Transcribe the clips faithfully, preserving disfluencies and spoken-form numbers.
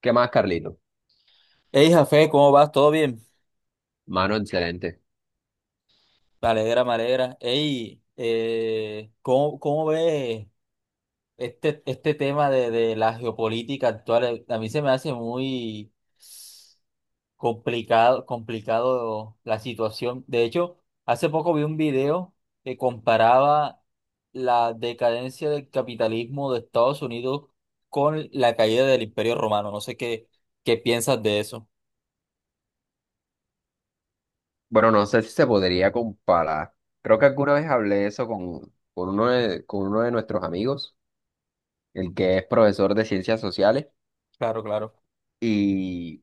¿Qué más, Carlito? Hey, Jafé, ¿cómo vas? ¿Todo bien? Mano, excelente. Me alegra, me alegra. Hey, eh, ¿cómo, cómo ves este, este tema de, de la geopolítica actual? A mí se me hace muy complicado, complicado la situación. De hecho, hace poco vi un video que comparaba la decadencia del capitalismo de Estados Unidos con la caída del Imperio Romano. No sé qué, qué piensas de eso. Bueno, no sé si se podría comparar. Creo que alguna vez hablé eso con, con uno de, con uno de nuestros amigos, el que es profesor de ciencias sociales, Claro, claro. y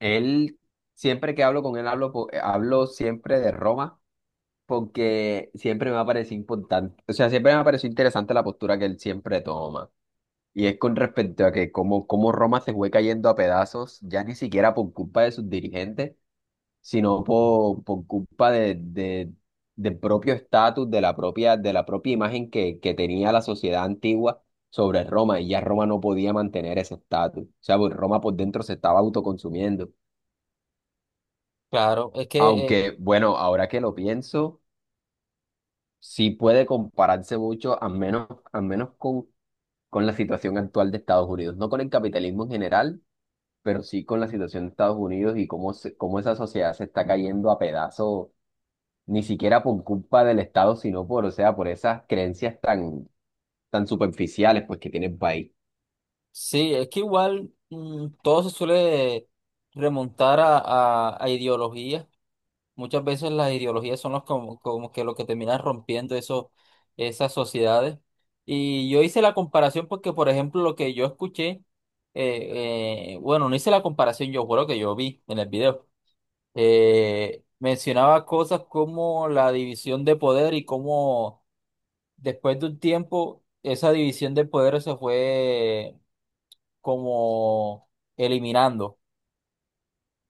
él, siempre que hablo con él, hablo, po- eh, hablo siempre de Roma, porque siempre me ha parecido importante, o sea, siempre me ha parecido interesante la postura que él siempre toma. Y es con respecto a que cómo, cómo Roma se fue cayendo a pedazos, ya ni siquiera por culpa de sus dirigentes, sino por, por culpa de, de- del propio estatus, de la propia, de la propia imagen que, que tenía la sociedad antigua sobre Roma, y ya Roma no podía mantener ese estatus. O sea, pues Roma por dentro se estaba autoconsumiendo. Claro, es que eh, Aunque, bueno, ahora que lo pienso, sí puede compararse mucho, al menos, al menos con, con la situación actual de Estados Unidos, no con el capitalismo en general, pero sí con la situación de Estados Unidos y cómo, se- cómo esa sociedad se está cayendo a pedazos ni siquiera por culpa del Estado, sino por, o sea, por esas creencias tan, tan superficiales pues que tiene el país. sí, es que igual mm, todo se suele remontar a, a, a ideologías. Muchas veces las ideologías son los como, como que lo que terminan rompiendo eso, esas sociedades. Y yo hice la comparación porque, por ejemplo, lo que yo escuché, eh, eh, bueno, no hice la comparación, yo juro que yo vi en el video, eh, mencionaba cosas como la división de poder y cómo después de un tiempo esa división de poder se fue como eliminando.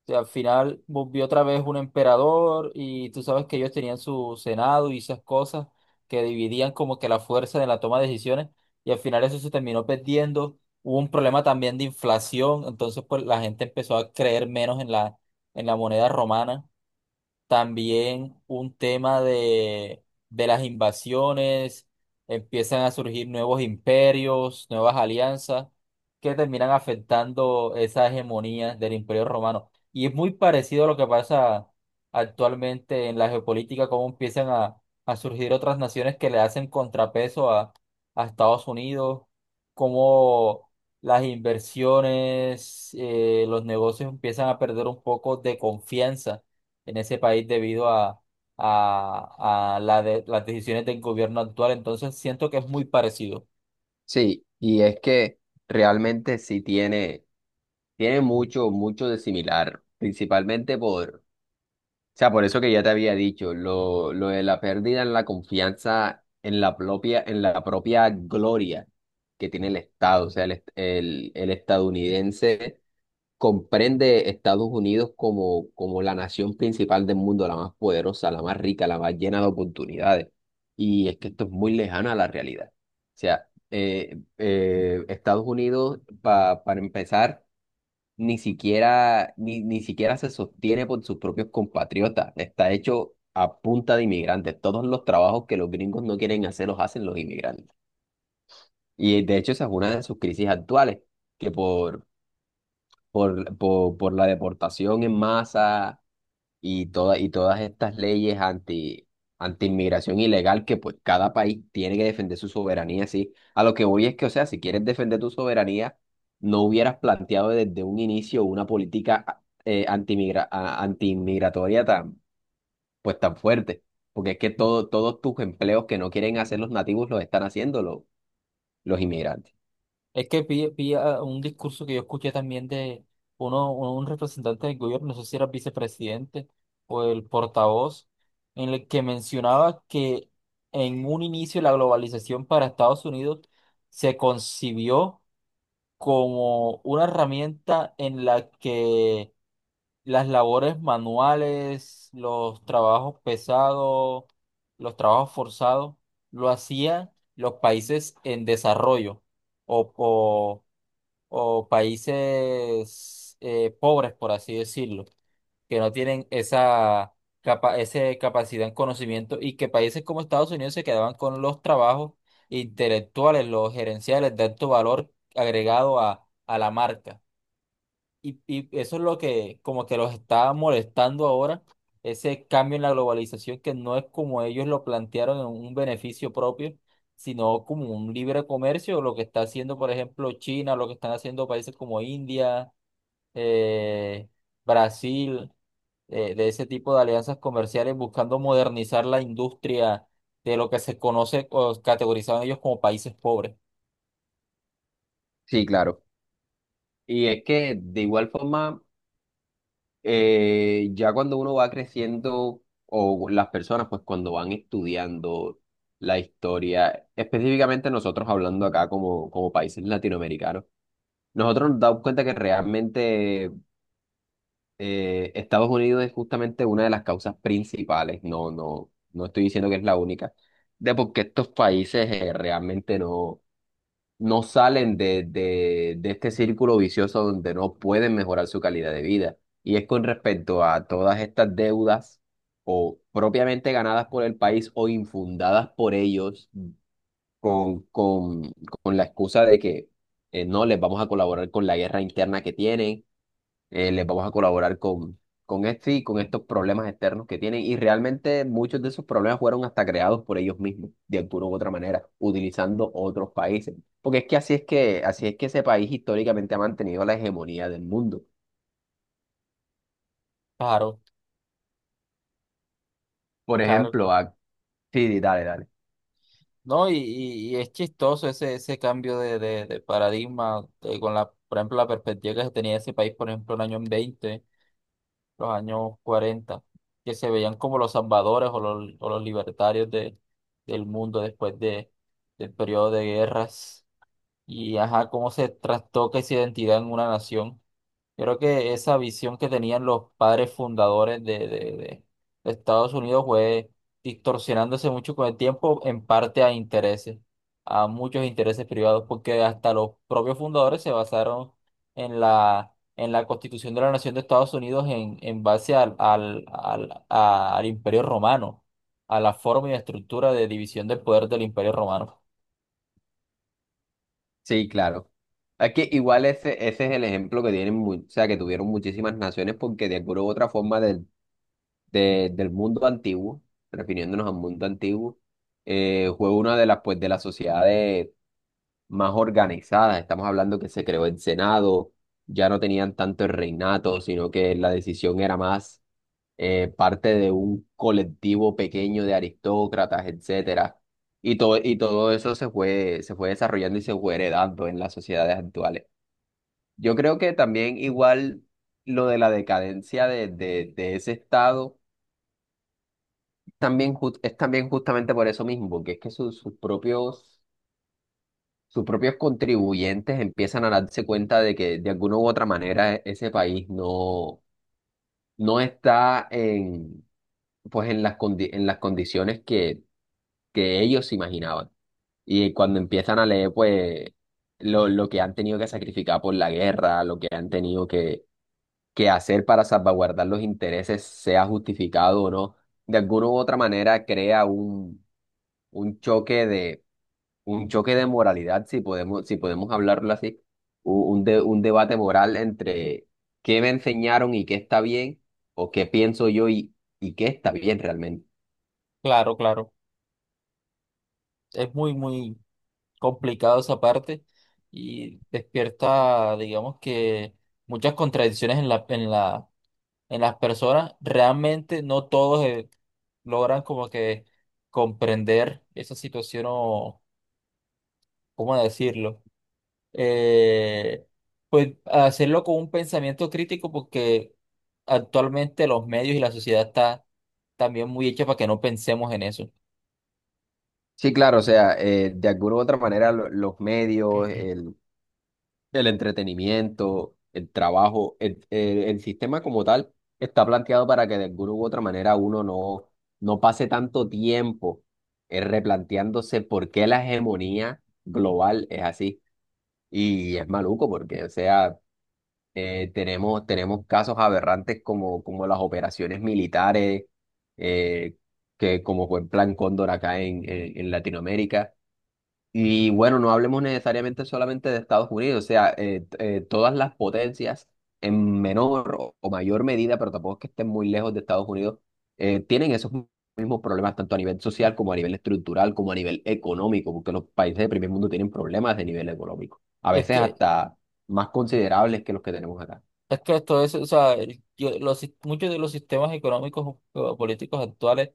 O sea, al final volvió otra vez un emperador y tú sabes que ellos tenían su senado y esas cosas que dividían como que la fuerza de la toma de decisiones, y al final eso se terminó perdiendo. Hubo un problema también de inflación, entonces pues la gente empezó a creer menos en la, en la moneda romana, también un tema de, de las invasiones, empiezan a surgir nuevos imperios, nuevas alianzas que terminan afectando esa hegemonía del imperio romano. Y es muy parecido a lo que pasa actualmente en la geopolítica, cómo empiezan a, a surgir otras naciones que le hacen contrapeso a, a Estados Unidos, cómo las inversiones, eh, los negocios empiezan a perder un poco de confianza en ese país debido a, a, a la de- las decisiones del gobierno actual. Entonces siento que es muy parecido. Sí, y es que realmente sí tiene, tiene mucho, mucho de similar, principalmente por, o sea, por eso que ya te había dicho, lo, lo de la pérdida en la confianza en la propia, en la propia gloria que tiene el Estado, o sea, el, est- el el estadounidense comprende Estados Unidos como, como la nación principal del mundo, la más poderosa, la más rica, la más llena de oportunidades. Y es que esto es muy lejano a la realidad. O sea, eh, eh, Estados Unidos, pa- para empezar, ni siquiera, ni, ni siquiera se sostiene por sus propios compatriotas. Está hecho a punta de inmigrantes. Todos los trabajos que los gringos no quieren hacer los hacen los inmigrantes. Y de hecho esa es una de sus crisis actuales, que por, por, por, por la deportación en masa y, toda, y todas estas leyes anti, anti inmigración ilegal, que pues cada país tiene que defender su soberanía, sí. A lo que voy es que, o sea, si quieres defender tu soberanía, no hubieras planteado desde un inicio una política ah, eh, antimigra- a- antiinmigratoria tan, pues tan fuerte, porque es que todo, todos tus empleos que no quieren hacer los nativos los están haciendo los, los inmigrantes. Es que pilla, pilla un discurso que yo escuché también de uno, un representante del gobierno, no sé si era el vicepresidente o el portavoz, en el que mencionaba que en un inicio la globalización para Estados Unidos se concibió como una herramienta en la que las labores manuales, los trabajos pesados, los trabajos forzados, lo hacían los países en desarrollo o, o- o países eh, pobres, por así decirlo, que no tienen esa, capa ese capacidad en conocimiento, y que países como Estados Unidos se quedaban con los trabajos intelectuales, los gerenciales de alto valor agregado a a la marca. Y, y eso es lo que como que los está molestando ahora, ese cambio en la globalización que no es como ellos lo plantearon en un beneficio propio, sino como un libre comercio, lo que está haciendo, por ejemplo, China, lo que están haciendo países como India, eh, Brasil, eh, de ese tipo de alianzas comerciales, buscando modernizar la industria de lo que se conoce o categorizaban ellos como países pobres. Sí, claro. Y es que de igual forma, eh, ya cuando uno va creciendo, o las personas, pues cuando van estudiando la historia, específicamente nosotros hablando acá como, como países latinoamericanos, nosotros nos damos cuenta que realmente eh, Estados Unidos es justamente una de las causas principales, no, no, no estoy diciendo que es la única, de por qué estos países eh, realmente no no salen de, de, de este círculo vicioso donde no pueden mejorar su calidad de vida. Y es con respecto a todas estas deudas o propiamente ganadas por el país o infundadas por ellos, con, con, con la excusa de que eh, no les vamos a colaborar con la guerra interna que tienen, eh, les vamos a colaborar con, con este y con estos problemas externos que tienen. Y realmente muchos de esos problemas fueron hasta creados por ellos mismos, de alguna u otra manera, utilizando otros países. Porque es que así es que, así es que ese país históricamente ha mantenido la hegemonía del mundo. Claro, Por claro. ejemplo, Claro. a... sí, dale, dale. No, y, y- y es chistoso ese, ese cambio de, de, de paradigma, eh, con la, por ejemplo, la perspectiva que se tenía de ese país, por ejemplo, en los años veinte, los años cuarenta, que se veían como los salvadores o los, o los libertarios de, del mundo después de, del periodo de guerras, y, ajá, cómo se trastoca esa identidad en una nación. Yo creo que esa visión que tenían los padres fundadores de, de, de- de Estados Unidos fue distorsionándose mucho con el tiempo, en parte a intereses, a muchos intereses privados, porque hasta los propios fundadores se basaron en la, en la Constitución de la Nación de Estados Unidos en, en base al, al, al, a- al Imperio Romano, a la forma y estructura de división del poder del Imperio Romano. Sí, claro. Es que igual ese, ese es el ejemplo que tienen, mu- o sea, que tuvieron muchísimas naciones, porque de alguna u otra forma de- de- del mundo antiguo, refiriéndonos al mundo antiguo, eh, fue una de las, pues, de las sociedades más organizadas. Estamos hablando que se creó el Senado, ya no tenían tanto el reinato, sino que la decisión era más eh, parte de un colectivo pequeño de aristócratas, etcétera. Y todo, y todo eso se fue, se fue desarrollando y se fue heredando en las sociedades actuales. Yo creo que también igual lo de la decadencia de, de, de ese estado también, jus- es también justamente por eso mismo, porque es que sus, sus propios, sus propios contribuyentes empiezan a darse cuenta de que de alguna u otra manera e- ese país no, no está en, pues en las, condi- en las condiciones que, que ellos se imaginaban. Y cuando empiezan a leer, pues, lo, lo que han tenido que sacrificar por la guerra, lo que han tenido que, que hacer para salvaguardar los intereses, sea justificado o no, de alguna u otra manera crea un un choque, un choque de moralidad, si podemos, si podemos hablarlo así, u- un, de- un debate moral entre qué me enseñaron y qué está bien, o qué pienso yo y, y qué está bien realmente. Claro, claro. Es muy, muy complicado esa parte y despierta, digamos que muchas contradicciones en la, en la, en las personas. Realmente no todos eh, logran como que comprender esa situación o, ¿cómo decirlo? Eh, pues hacerlo con un pensamiento crítico porque actualmente los medios y la sociedad está también muy hecha para que no pensemos en eso. Sí, claro, o sea, eh, de alguna u otra manera lo- los medios, el, el entretenimiento, el trabajo, el, el- el sistema como tal está planteado para que de alguna u otra manera uno no, no pase tanto tiempo eh, replanteándose por qué la hegemonía global es así. Y es maluco porque, o sea, eh, tenemos, tenemos casos aberrantes como, como las operaciones militares, eh, que como fue el Plan Cóndor acá en, en, en Latinoamérica, y bueno, no hablemos necesariamente solamente de Estados Unidos, o sea, eh, t- eh, todas las potencias en menor o, o mayor medida, pero tampoco es que estén muy lejos de Estados Unidos, eh, tienen esos mismos problemas tanto a nivel social como a nivel estructural, como a nivel económico, porque los países del primer mundo tienen problemas de nivel económico, a es veces que hasta más considerables que los que tenemos acá. Es que esto es, o sea, el- yo- los, sis- muchos de los sistemas económicos o políticos actuales,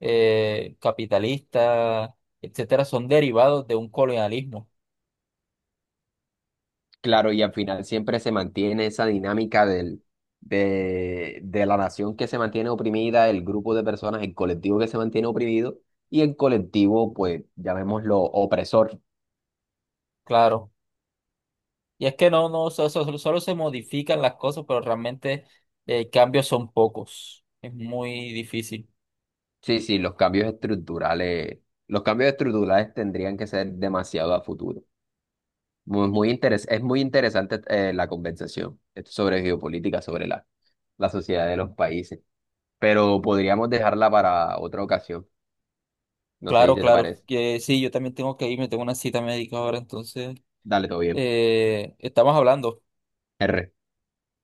eh, capitalistas, etcétera, son derivados de un colonialismo, Claro, y al final siempre se mantiene esa dinámica del, de, de la nación que se mantiene oprimida, el grupo de personas, el colectivo que se mantiene oprimido, y el colectivo, pues, llamémoslo opresor. claro. Y es que no, no, o sea, so, solo, solo se modifican las cosas, pero realmente eh, cambios son pocos. Es muy difícil. Sí, sí, los cambios estructurales, los cambios estructurales tendrían que ser demasiado a futuro. Muy, muy interes- es muy interesante eh, la conversación sobre geopolítica, sobre la, la sociedad de los países, pero podríamos dejarla para otra ocasión. No sé si Claro, te claro. parece. Que sí, yo también tengo que irme, tengo una cita médica ahora, entonces Dale, todo bien. eh, estamos hablando. R.